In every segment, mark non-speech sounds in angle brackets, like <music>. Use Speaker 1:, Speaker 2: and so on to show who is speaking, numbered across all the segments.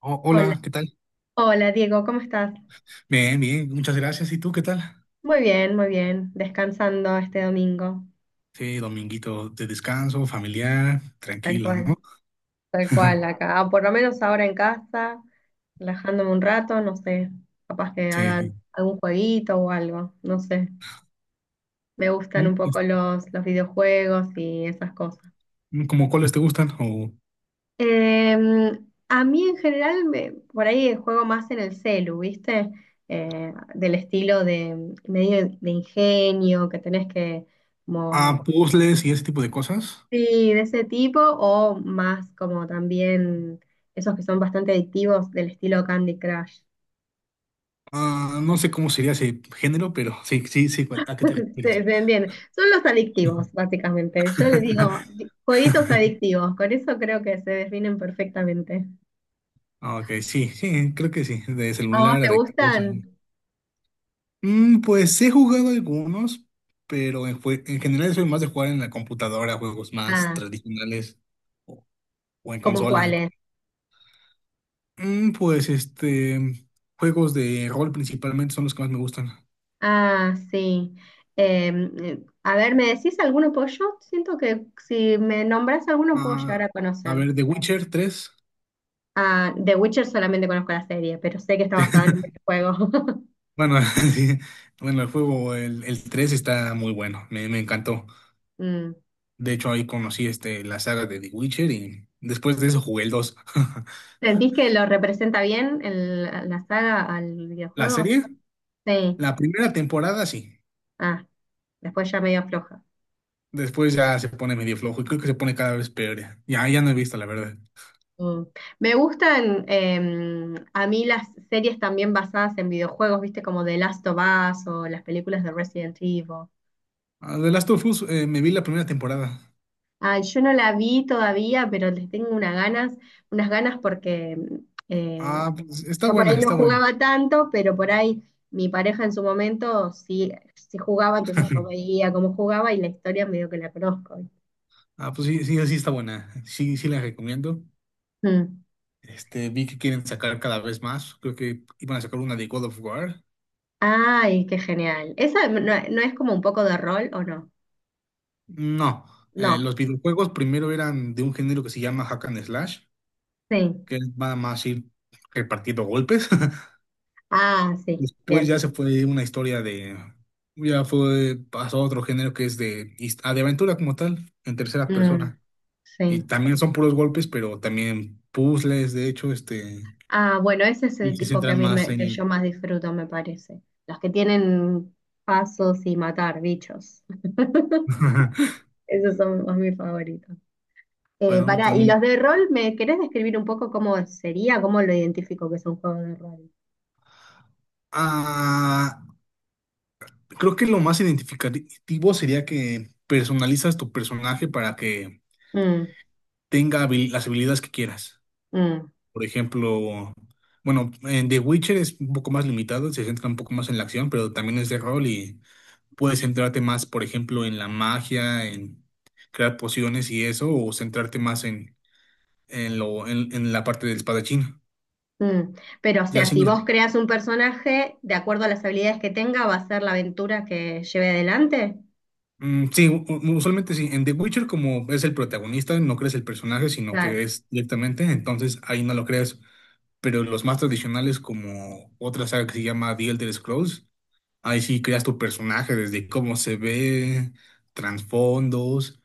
Speaker 1: Oh,
Speaker 2: Hola,
Speaker 1: hola, ¿qué tal?
Speaker 2: hola Diego, ¿cómo estás?
Speaker 1: Bien, bien, muchas gracias. ¿Y tú qué tal?
Speaker 2: Muy bien, descansando este domingo,
Speaker 1: Sí, dominguito de descanso, familiar,
Speaker 2: tal
Speaker 1: tranquilo,
Speaker 2: cual,
Speaker 1: ¿no?
Speaker 2: tal cual
Speaker 1: <laughs>
Speaker 2: acá, o por lo menos ahora en casa, relajándome un rato, no sé, capaz que
Speaker 1: Sí,
Speaker 2: hagan
Speaker 1: sí.
Speaker 2: algún jueguito o algo, no sé, me gustan
Speaker 1: Mm,
Speaker 2: un poco
Speaker 1: es-
Speaker 2: los videojuegos y esas cosas.
Speaker 1: ¿Cómo cuáles te gustan? ¿O
Speaker 2: A mí en general, por ahí juego más en el celu, ¿viste? Del estilo de medio de ingenio, que tenés que como.
Speaker 1: ah, puzzles y ese tipo de cosas?
Speaker 2: Sí, de ese tipo o más como también esos que son bastante adictivos del estilo Candy Crush.
Speaker 1: Ah, no sé cómo sería ese género, pero sí, sí, sí, ¿a qué te
Speaker 2: <laughs>
Speaker 1: refieres?
Speaker 2: Se entiende. Son los adictivos, básicamente. Yo les digo
Speaker 1: <laughs>
Speaker 2: jueguitos adictivos. Con eso creo que se definen perfectamente.
Speaker 1: Ok, sí, sí, creo que sí, de
Speaker 2: ¿A vos
Speaker 1: celular a
Speaker 2: te
Speaker 1: de qué cosa,
Speaker 2: gustan?
Speaker 1: ¿no? Mm, pues he jugado algunos, pero en general soy más de jugar en la computadora, juegos más
Speaker 2: Ah,
Speaker 1: tradicionales o, o en
Speaker 2: ¿Como
Speaker 1: consola.
Speaker 2: cuáles?
Speaker 1: Pues juegos de rol principalmente son los que más me gustan.
Speaker 2: Ah, sí. A ver, ¿me decís alguno? Pues yo siento que si me nombrás alguno puedo llegar
Speaker 1: Ah,
Speaker 2: a
Speaker 1: a
Speaker 2: conocer.
Speaker 1: ver, The Witcher tres.
Speaker 2: Ah, The Witcher solamente conozco la serie, pero sé que está basada en un videojuego. <laughs>
Speaker 1: Bueno, <laughs> sí, bueno, el 3 está muy bueno, me encantó.
Speaker 2: Mm.
Speaker 1: De hecho, ahí conocí la saga de The Witcher y después de eso jugué el 2. <laughs>
Speaker 2: ¿Sentís que lo representa bien la saga al
Speaker 1: La
Speaker 2: videojuego?
Speaker 1: serie,
Speaker 2: Sí.
Speaker 1: la primera temporada sí,
Speaker 2: Ah, después ya medio floja.
Speaker 1: después ya se pone medio flojo y creo que se pone cada vez peor. Ya no he visto, la verdad.
Speaker 2: Mm. Me gustan a mí las series también basadas en videojuegos, viste, como The Last of Us o las películas de Resident Evil.
Speaker 1: Ah, The Last of Us, me vi la primera temporada.
Speaker 2: Ah, yo no la vi todavía, pero les tengo unas ganas porque eh,
Speaker 1: Ah, pues, está
Speaker 2: yo por
Speaker 1: buena,
Speaker 2: ahí no
Speaker 1: está buena.
Speaker 2: jugaba tanto, pero por ahí mi pareja en su momento sí, sí jugaba, entonces yo veía cómo jugaba y la historia medio que la conozco.
Speaker 1: Ah, pues sí, sí, sí está buena. Sí, sí la recomiendo.
Speaker 2: Mm.
Speaker 1: Vi que quieren sacar cada vez más. Creo que iban a sacar una de God of War.
Speaker 2: Ay, qué genial. ¿Esa no, no es como un poco de rol o no?
Speaker 1: No,
Speaker 2: No,
Speaker 1: los videojuegos primero eran de un género que se llama Hack and Slash,
Speaker 2: sí.
Speaker 1: que es nada más ir repartiendo golpes. <laughs>
Speaker 2: Ah, sí,
Speaker 1: Después
Speaker 2: bien.
Speaker 1: ya se fue una historia de, ya fue, pasó a otro género que es de, de aventura como tal, en tercera
Speaker 2: Mm,
Speaker 1: persona. Y
Speaker 2: sí.
Speaker 1: también son puros golpes, pero también puzzles, de hecho,
Speaker 2: Ah, bueno, ese es
Speaker 1: y
Speaker 2: el
Speaker 1: sí se
Speaker 2: tipo que a
Speaker 1: centran
Speaker 2: mí
Speaker 1: más
Speaker 2: que yo
Speaker 1: en...
Speaker 2: más disfruto, me parece. Los que tienen pasos y matar bichos.
Speaker 1: <laughs>
Speaker 2: <laughs> Esos son los mis favoritos.
Speaker 1: Bueno,
Speaker 2: Pará, ¿y los
Speaker 1: tam-
Speaker 2: de rol me querés describir un poco cómo sería, cómo lo identifico que es un juego de rol?
Speaker 1: Ah, creo que lo más identificativo sería que personalizas tu personaje para que
Speaker 2: Mm,
Speaker 1: tenga las habilidades que quieras.
Speaker 2: mm.
Speaker 1: Por ejemplo, bueno, en The Witcher es un poco más limitado, se centra un poco más en la acción, pero también es de rol y puedes centrarte más, por ejemplo, en la magia, en crear pociones y eso, o centrarte más en, en la parte del espadachín.
Speaker 2: Mm. Pero, o
Speaker 1: Ya
Speaker 2: sea,
Speaker 1: si
Speaker 2: si
Speaker 1: nos
Speaker 2: vos creas un personaje, de acuerdo a las habilidades que tenga, va a ser la aventura que lleve adelante.
Speaker 1: Mm, sí, usualmente sí. En The Witcher, como es el protagonista, no crees el personaje, sino que
Speaker 2: Claro,
Speaker 1: es directamente, entonces ahí no lo creas. Pero los más tradicionales, como otra saga que se llama The Elder Scrolls, ahí sí creas tu personaje desde cómo se ve, trasfondos,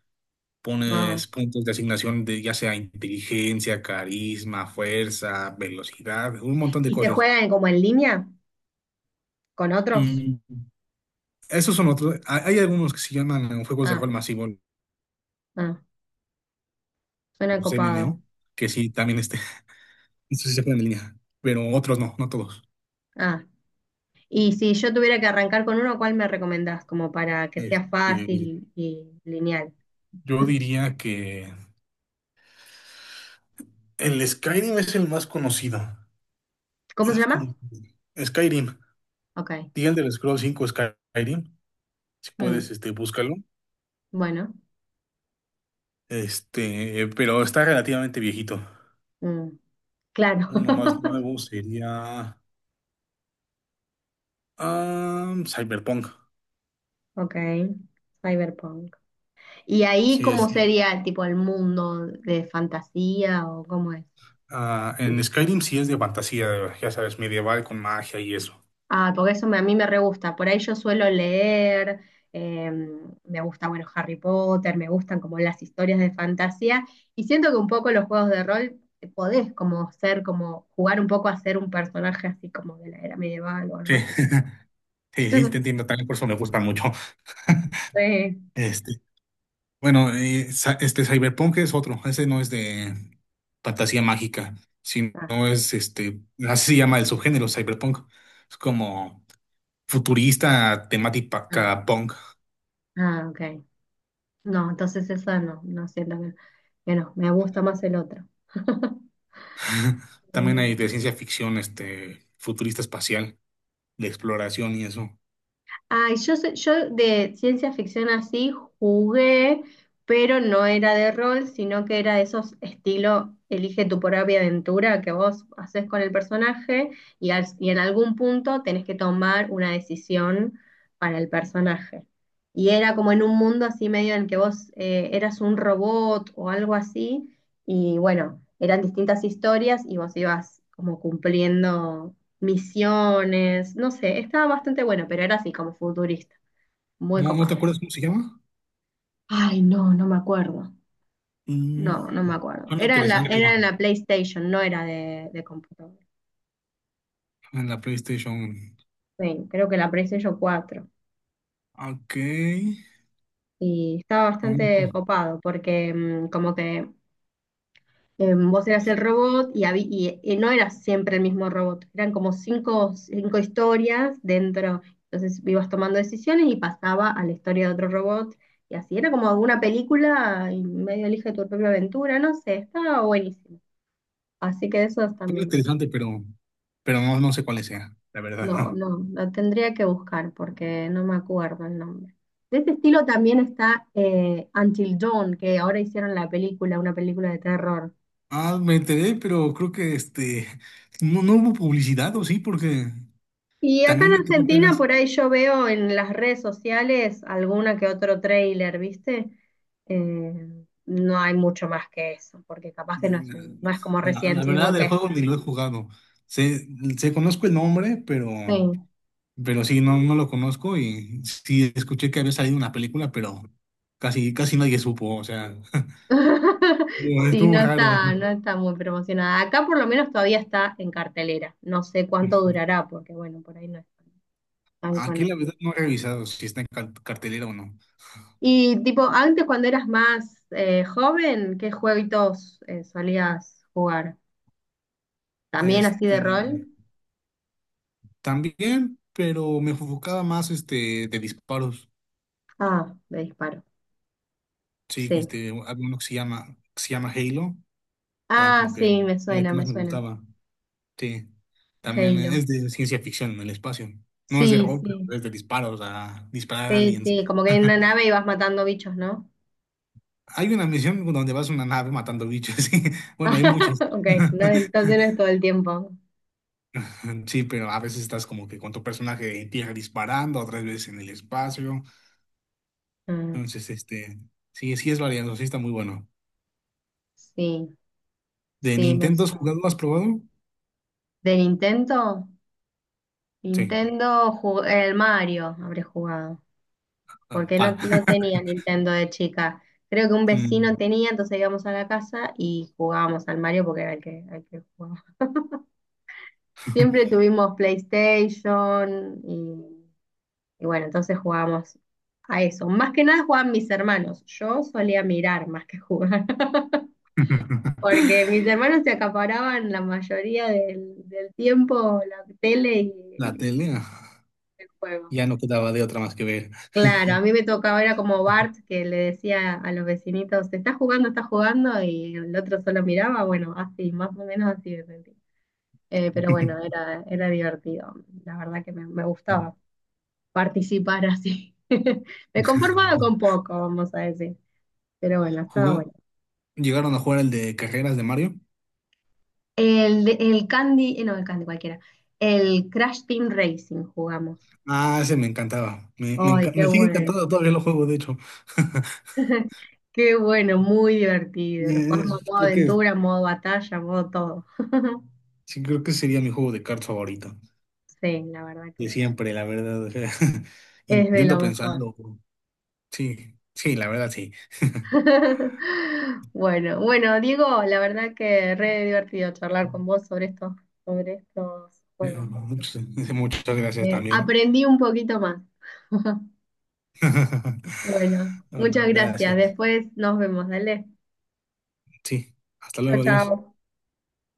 Speaker 2: wow.
Speaker 1: pones puntos de asignación de ya sea inteligencia, carisma, fuerza, velocidad, un montón de
Speaker 2: ¿Y se
Speaker 1: cosas.
Speaker 2: juegan como en línea con otros?
Speaker 1: Mm, esos son otros. Hay algunos que se llaman juegos de
Speaker 2: Ah,
Speaker 1: rol masivo,
Speaker 2: ah, suena
Speaker 1: los
Speaker 2: copado.
Speaker 1: MMO que sí también están. Eso sí se pueden en línea, pero otros no, no todos.
Speaker 2: Ah. Y si yo tuviera que arrancar con uno, ¿Cuál me recomendás? Como para que sea
Speaker 1: Este,
Speaker 2: fácil y lineal.
Speaker 1: yo diría que el Skyrim es el más conocido.
Speaker 2: ¿Cómo se
Speaker 1: Es
Speaker 2: llama?
Speaker 1: como Skyrim,
Speaker 2: Ok.
Speaker 1: The Elder Scrolls 5 Skyrim, si
Speaker 2: Mm,
Speaker 1: puedes, búscalo.
Speaker 2: bueno.
Speaker 1: Pero está relativamente viejito.
Speaker 2: Mm, claro.
Speaker 1: Uno más
Speaker 2: <laughs>
Speaker 1: nuevo sería Cyberpunk.
Speaker 2: Ok. Cyberpunk. Y ahí,
Speaker 1: Sí
Speaker 2: ¿Cómo
Speaker 1: es,
Speaker 2: sería tipo el mundo de fantasía o cómo es?
Speaker 1: ah, en Skyrim sí es de fantasía, ya sabes, medieval con magia y eso.
Speaker 2: Ah, porque a mí me re gusta. Por ahí yo suelo leer, eh, me gusta, bueno, Harry Potter, me gustan como las historias de fantasía. Y siento que un poco los juegos de rol podés como ser, como jugar un poco a ser un personaje así como de la era medieval o algo
Speaker 1: Sí,
Speaker 2: así.
Speaker 1: <laughs> sí, sí, te
Speaker 2: <laughs>
Speaker 1: entiendo, también por eso me gusta mucho. <laughs>
Speaker 2: Sí.
Speaker 1: Este, este Cyberpunk es otro, ese no es de fantasía mágica, sino
Speaker 2: Ah,
Speaker 1: es este, así se llama el subgénero Cyberpunk. Es como futurista,
Speaker 2: ah,
Speaker 1: temática punk.
Speaker 2: ah, ok. No, entonces eso no, no siento que no, me gusta más el otro. <laughs>
Speaker 1: <laughs> También hay de
Speaker 2: Buenísimo.
Speaker 1: ciencia ficción, futurista espacial, de exploración y eso.
Speaker 2: Ay, yo de ciencia ficción así jugué, pero no era de rol, sino que era de esos estilo elige tu propia aventura que vos haces con el personaje y en algún punto tenés que tomar una decisión para el personaje. Y era como en un mundo así medio en que vos eras un robot o algo así, y bueno, eran distintas historias y vos ibas como cumpliendo misiones, no sé, estaba bastante bueno, pero era así como futurista, muy
Speaker 1: ¿No, no te
Speaker 2: copado.
Speaker 1: acuerdas cómo se llama?
Speaker 2: Ay, no, no me acuerdo.
Speaker 1: Mm,
Speaker 2: No, no me acuerdo.
Speaker 1: suena
Speaker 2: Era en la,
Speaker 1: interesante
Speaker 2: era en la PlayStation, no era de computador.
Speaker 1: en la PlayStation.
Speaker 2: Sí, creo que la PlayStation 4.
Speaker 1: Ok.
Speaker 2: Y estaba
Speaker 1: Mm,
Speaker 2: bastante copado porque como que vos eras el robot y no eras siempre el mismo robot, eran como cinco historias dentro, entonces ibas tomando decisiones y pasaba a la historia de otro robot y así, era como una película y medio elige tu propia aventura, no sé, estaba buenísimo. Así que eso
Speaker 1: suena
Speaker 2: también,
Speaker 1: interesante, pero no, no sé cuál sea, la
Speaker 2: no,
Speaker 1: verdad.
Speaker 2: no, lo tendría que buscar porque no me acuerdo el nombre. De este estilo también está Until Dawn, que ahora hicieron la película, una película de terror.
Speaker 1: Ah, me enteré, pero creo que no, no hubo publicidad, ¿o sí? Porque
Speaker 2: Y acá
Speaker 1: también
Speaker 2: en
Speaker 1: me enteré
Speaker 2: Argentina,
Speaker 1: apenas.
Speaker 2: por ahí yo veo en las redes sociales alguna que otro tráiler, ¿viste? Eh, no hay mucho más que eso, porque capaz que no es
Speaker 1: de-
Speaker 2: no es como
Speaker 1: La, la
Speaker 2: Resident Evil
Speaker 1: verdad, del
Speaker 2: que
Speaker 1: juego ni lo he jugado. Sé, conozco el nombre,
Speaker 2: sí.
Speaker 1: pero sí, no, no lo conozco. Y sí escuché que había salido una película, pero casi, casi nadie supo. O sea, <laughs>
Speaker 2: <laughs>
Speaker 1: estuvo
Speaker 2: Sí, no
Speaker 1: estuvo raro.
Speaker 2: está, no está muy promocionada. Acá por lo menos todavía está en cartelera. No sé cuánto durará, porque bueno, por ahí no es tan tan
Speaker 1: Aquí la
Speaker 2: conocido.
Speaker 1: verdad no he revisado si está en cartelera o no.
Speaker 2: Y tipo, antes cuando eras más joven, ¿Qué jueguitos solías jugar? ¿También así
Speaker 1: Este,
Speaker 2: de rol?
Speaker 1: también, pero me enfocaba más de disparos.
Speaker 2: Ah, de disparo.
Speaker 1: Sí,
Speaker 2: Sí.
Speaker 1: había uno que se llama Halo, era
Speaker 2: Ah,
Speaker 1: como que
Speaker 2: sí, me
Speaker 1: era el
Speaker 2: suena,
Speaker 1: que
Speaker 2: me
Speaker 1: más me
Speaker 2: suena.
Speaker 1: gustaba. Sí, también
Speaker 2: Halo.
Speaker 1: es de ciencia ficción en el espacio. No es de
Speaker 2: Sí,
Speaker 1: rol,
Speaker 2: sí.
Speaker 1: pero es de disparos, a disparar a
Speaker 2: Sí,
Speaker 1: aliens.
Speaker 2: sí, como que en una nave ibas matando bichos, ¿no?
Speaker 1: Hay una misión donde vas a una nave matando bichos. <laughs> Sí. Bueno, hay muchas.
Speaker 2: <laughs> Ok, no, entonces no es
Speaker 1: <laughs>
Speaker 2: todo el tiempo.
Speaker 1: Sí, pero a veces estás como que con tu personaje en tierra disparando, otras veces en el espacio.
Speaker 2: Ah,
Speaker 1: Entonces, sí, sí es variado, sí está muy bueno.
Speaker 2: sí,
Speaker 1: ¿De
Speaker 2: sí, me
Speaker 1: Nintendo has
Speaker 2: suena.
Speaker 1: jugado? ¿Has probado?
Speaker 2: ¿De Nintendo?
Speaker 1: Sí.
Speaker 2: Nintendo, el Mario habré jugado,
Speaker 1: Ah,
Speaker 2: porque
Speaker 1: pa.
Speaker 2: no, no
Speaker 1: <laughs>
Speaker 2: tenía Nintendo de chica. Creo que un vecino
Speaker 1: Mm.
Speaker 2: tenía, entonces íbamos a la casa y jugábamos al Mario porque era el que jugaba. Siempre tuvimos PlayStation. Y bueno, entonces jugábamos a eso. Más que nada jugaban mis hermanos. Yo solía mirar más que jugar, <laughs> porque
Speaker 1: <laughs>
Speaker 2: mis hermanos se acaparaban la mayoría del tiempo la tele y,
Speaker 1: La
Speaker 2: y
Speaker 1: tele ah,
Speaker 2: el juego.
Speaker 1: ya no quedaba de otra más que ver.
Speaker 2: Claro, a mí me tocaba, era como Bart que le decía a los vecinitos, está jugando, y el otro solo miraba, bueno, así, más o menos así me sentí. Pero bueno, era divertido, la verdad que me gustaba
Speaker 1: <laughs>
Speaker 2: participar así. <laughs> Me conformaba con poco, vamos a decir. Pero bueno, estaba
Speaker 1: Juga-
Speaker 2: bueno.
Speaker 1: ¿Llegaron a jugar el de carreras de Mario?
Speaker 2: El Candy, no, el Candy cualquiera. El Crash Team Racing jugamos.
Speaker 1: Ah, ese me encantaba.
Speaker 2: Ay, qué
Speaker 1: Me sigue
Speaker 2: bueno.
Speaker 1: encantando, todavía lo juego, de hecho. <laughs>
Speaker 2: <laughs> Qué bueno, muy divertido.
Speaker 1: Y
Speaker 2: Lo jugamos
Speaker 1: Es-
Speaker 2: en modo
Speaker 1: creo que,
Speaker 2: aventura, modo batalla, modo todo. <laughs>
Speaker 1: sí, creo que sería mi juego de cartas favorito.
Speaker 2: Sí, la verdad
Speaker 1: De
Speaker 2: que
Speaker 1: siempre, la verdad. O sea, <laughs>
Speaker 2: es de
Speaker 1: intento
Speaker 2: lo mejor.
Speaker 1: pensarlo. Sí, sí, la verdad, sí. <laughs>
Speaker 2: <laughs> Bueno, bueno, Diego, la verdad que re divertido charlar con vos sobre estos
Speaker 1: Pero
Speaker 2: juegos, porque
Speaker 1: Muchas gracias también.
Speaker 2: aprendí un poquito más. <laughs>
Speaker 1: <laughs>
Speaker 2: Bueno,
Speaker 1: Bueno,
Speaker 2: muchas gracias.
Speaker 1: gracias.
Speaker 2: Después nos vemos, dale.
Speaker 1: Sí, hasta
Speaker 2: Chao,
Speaker 1: luego, adiós.
Speaker 2: chao.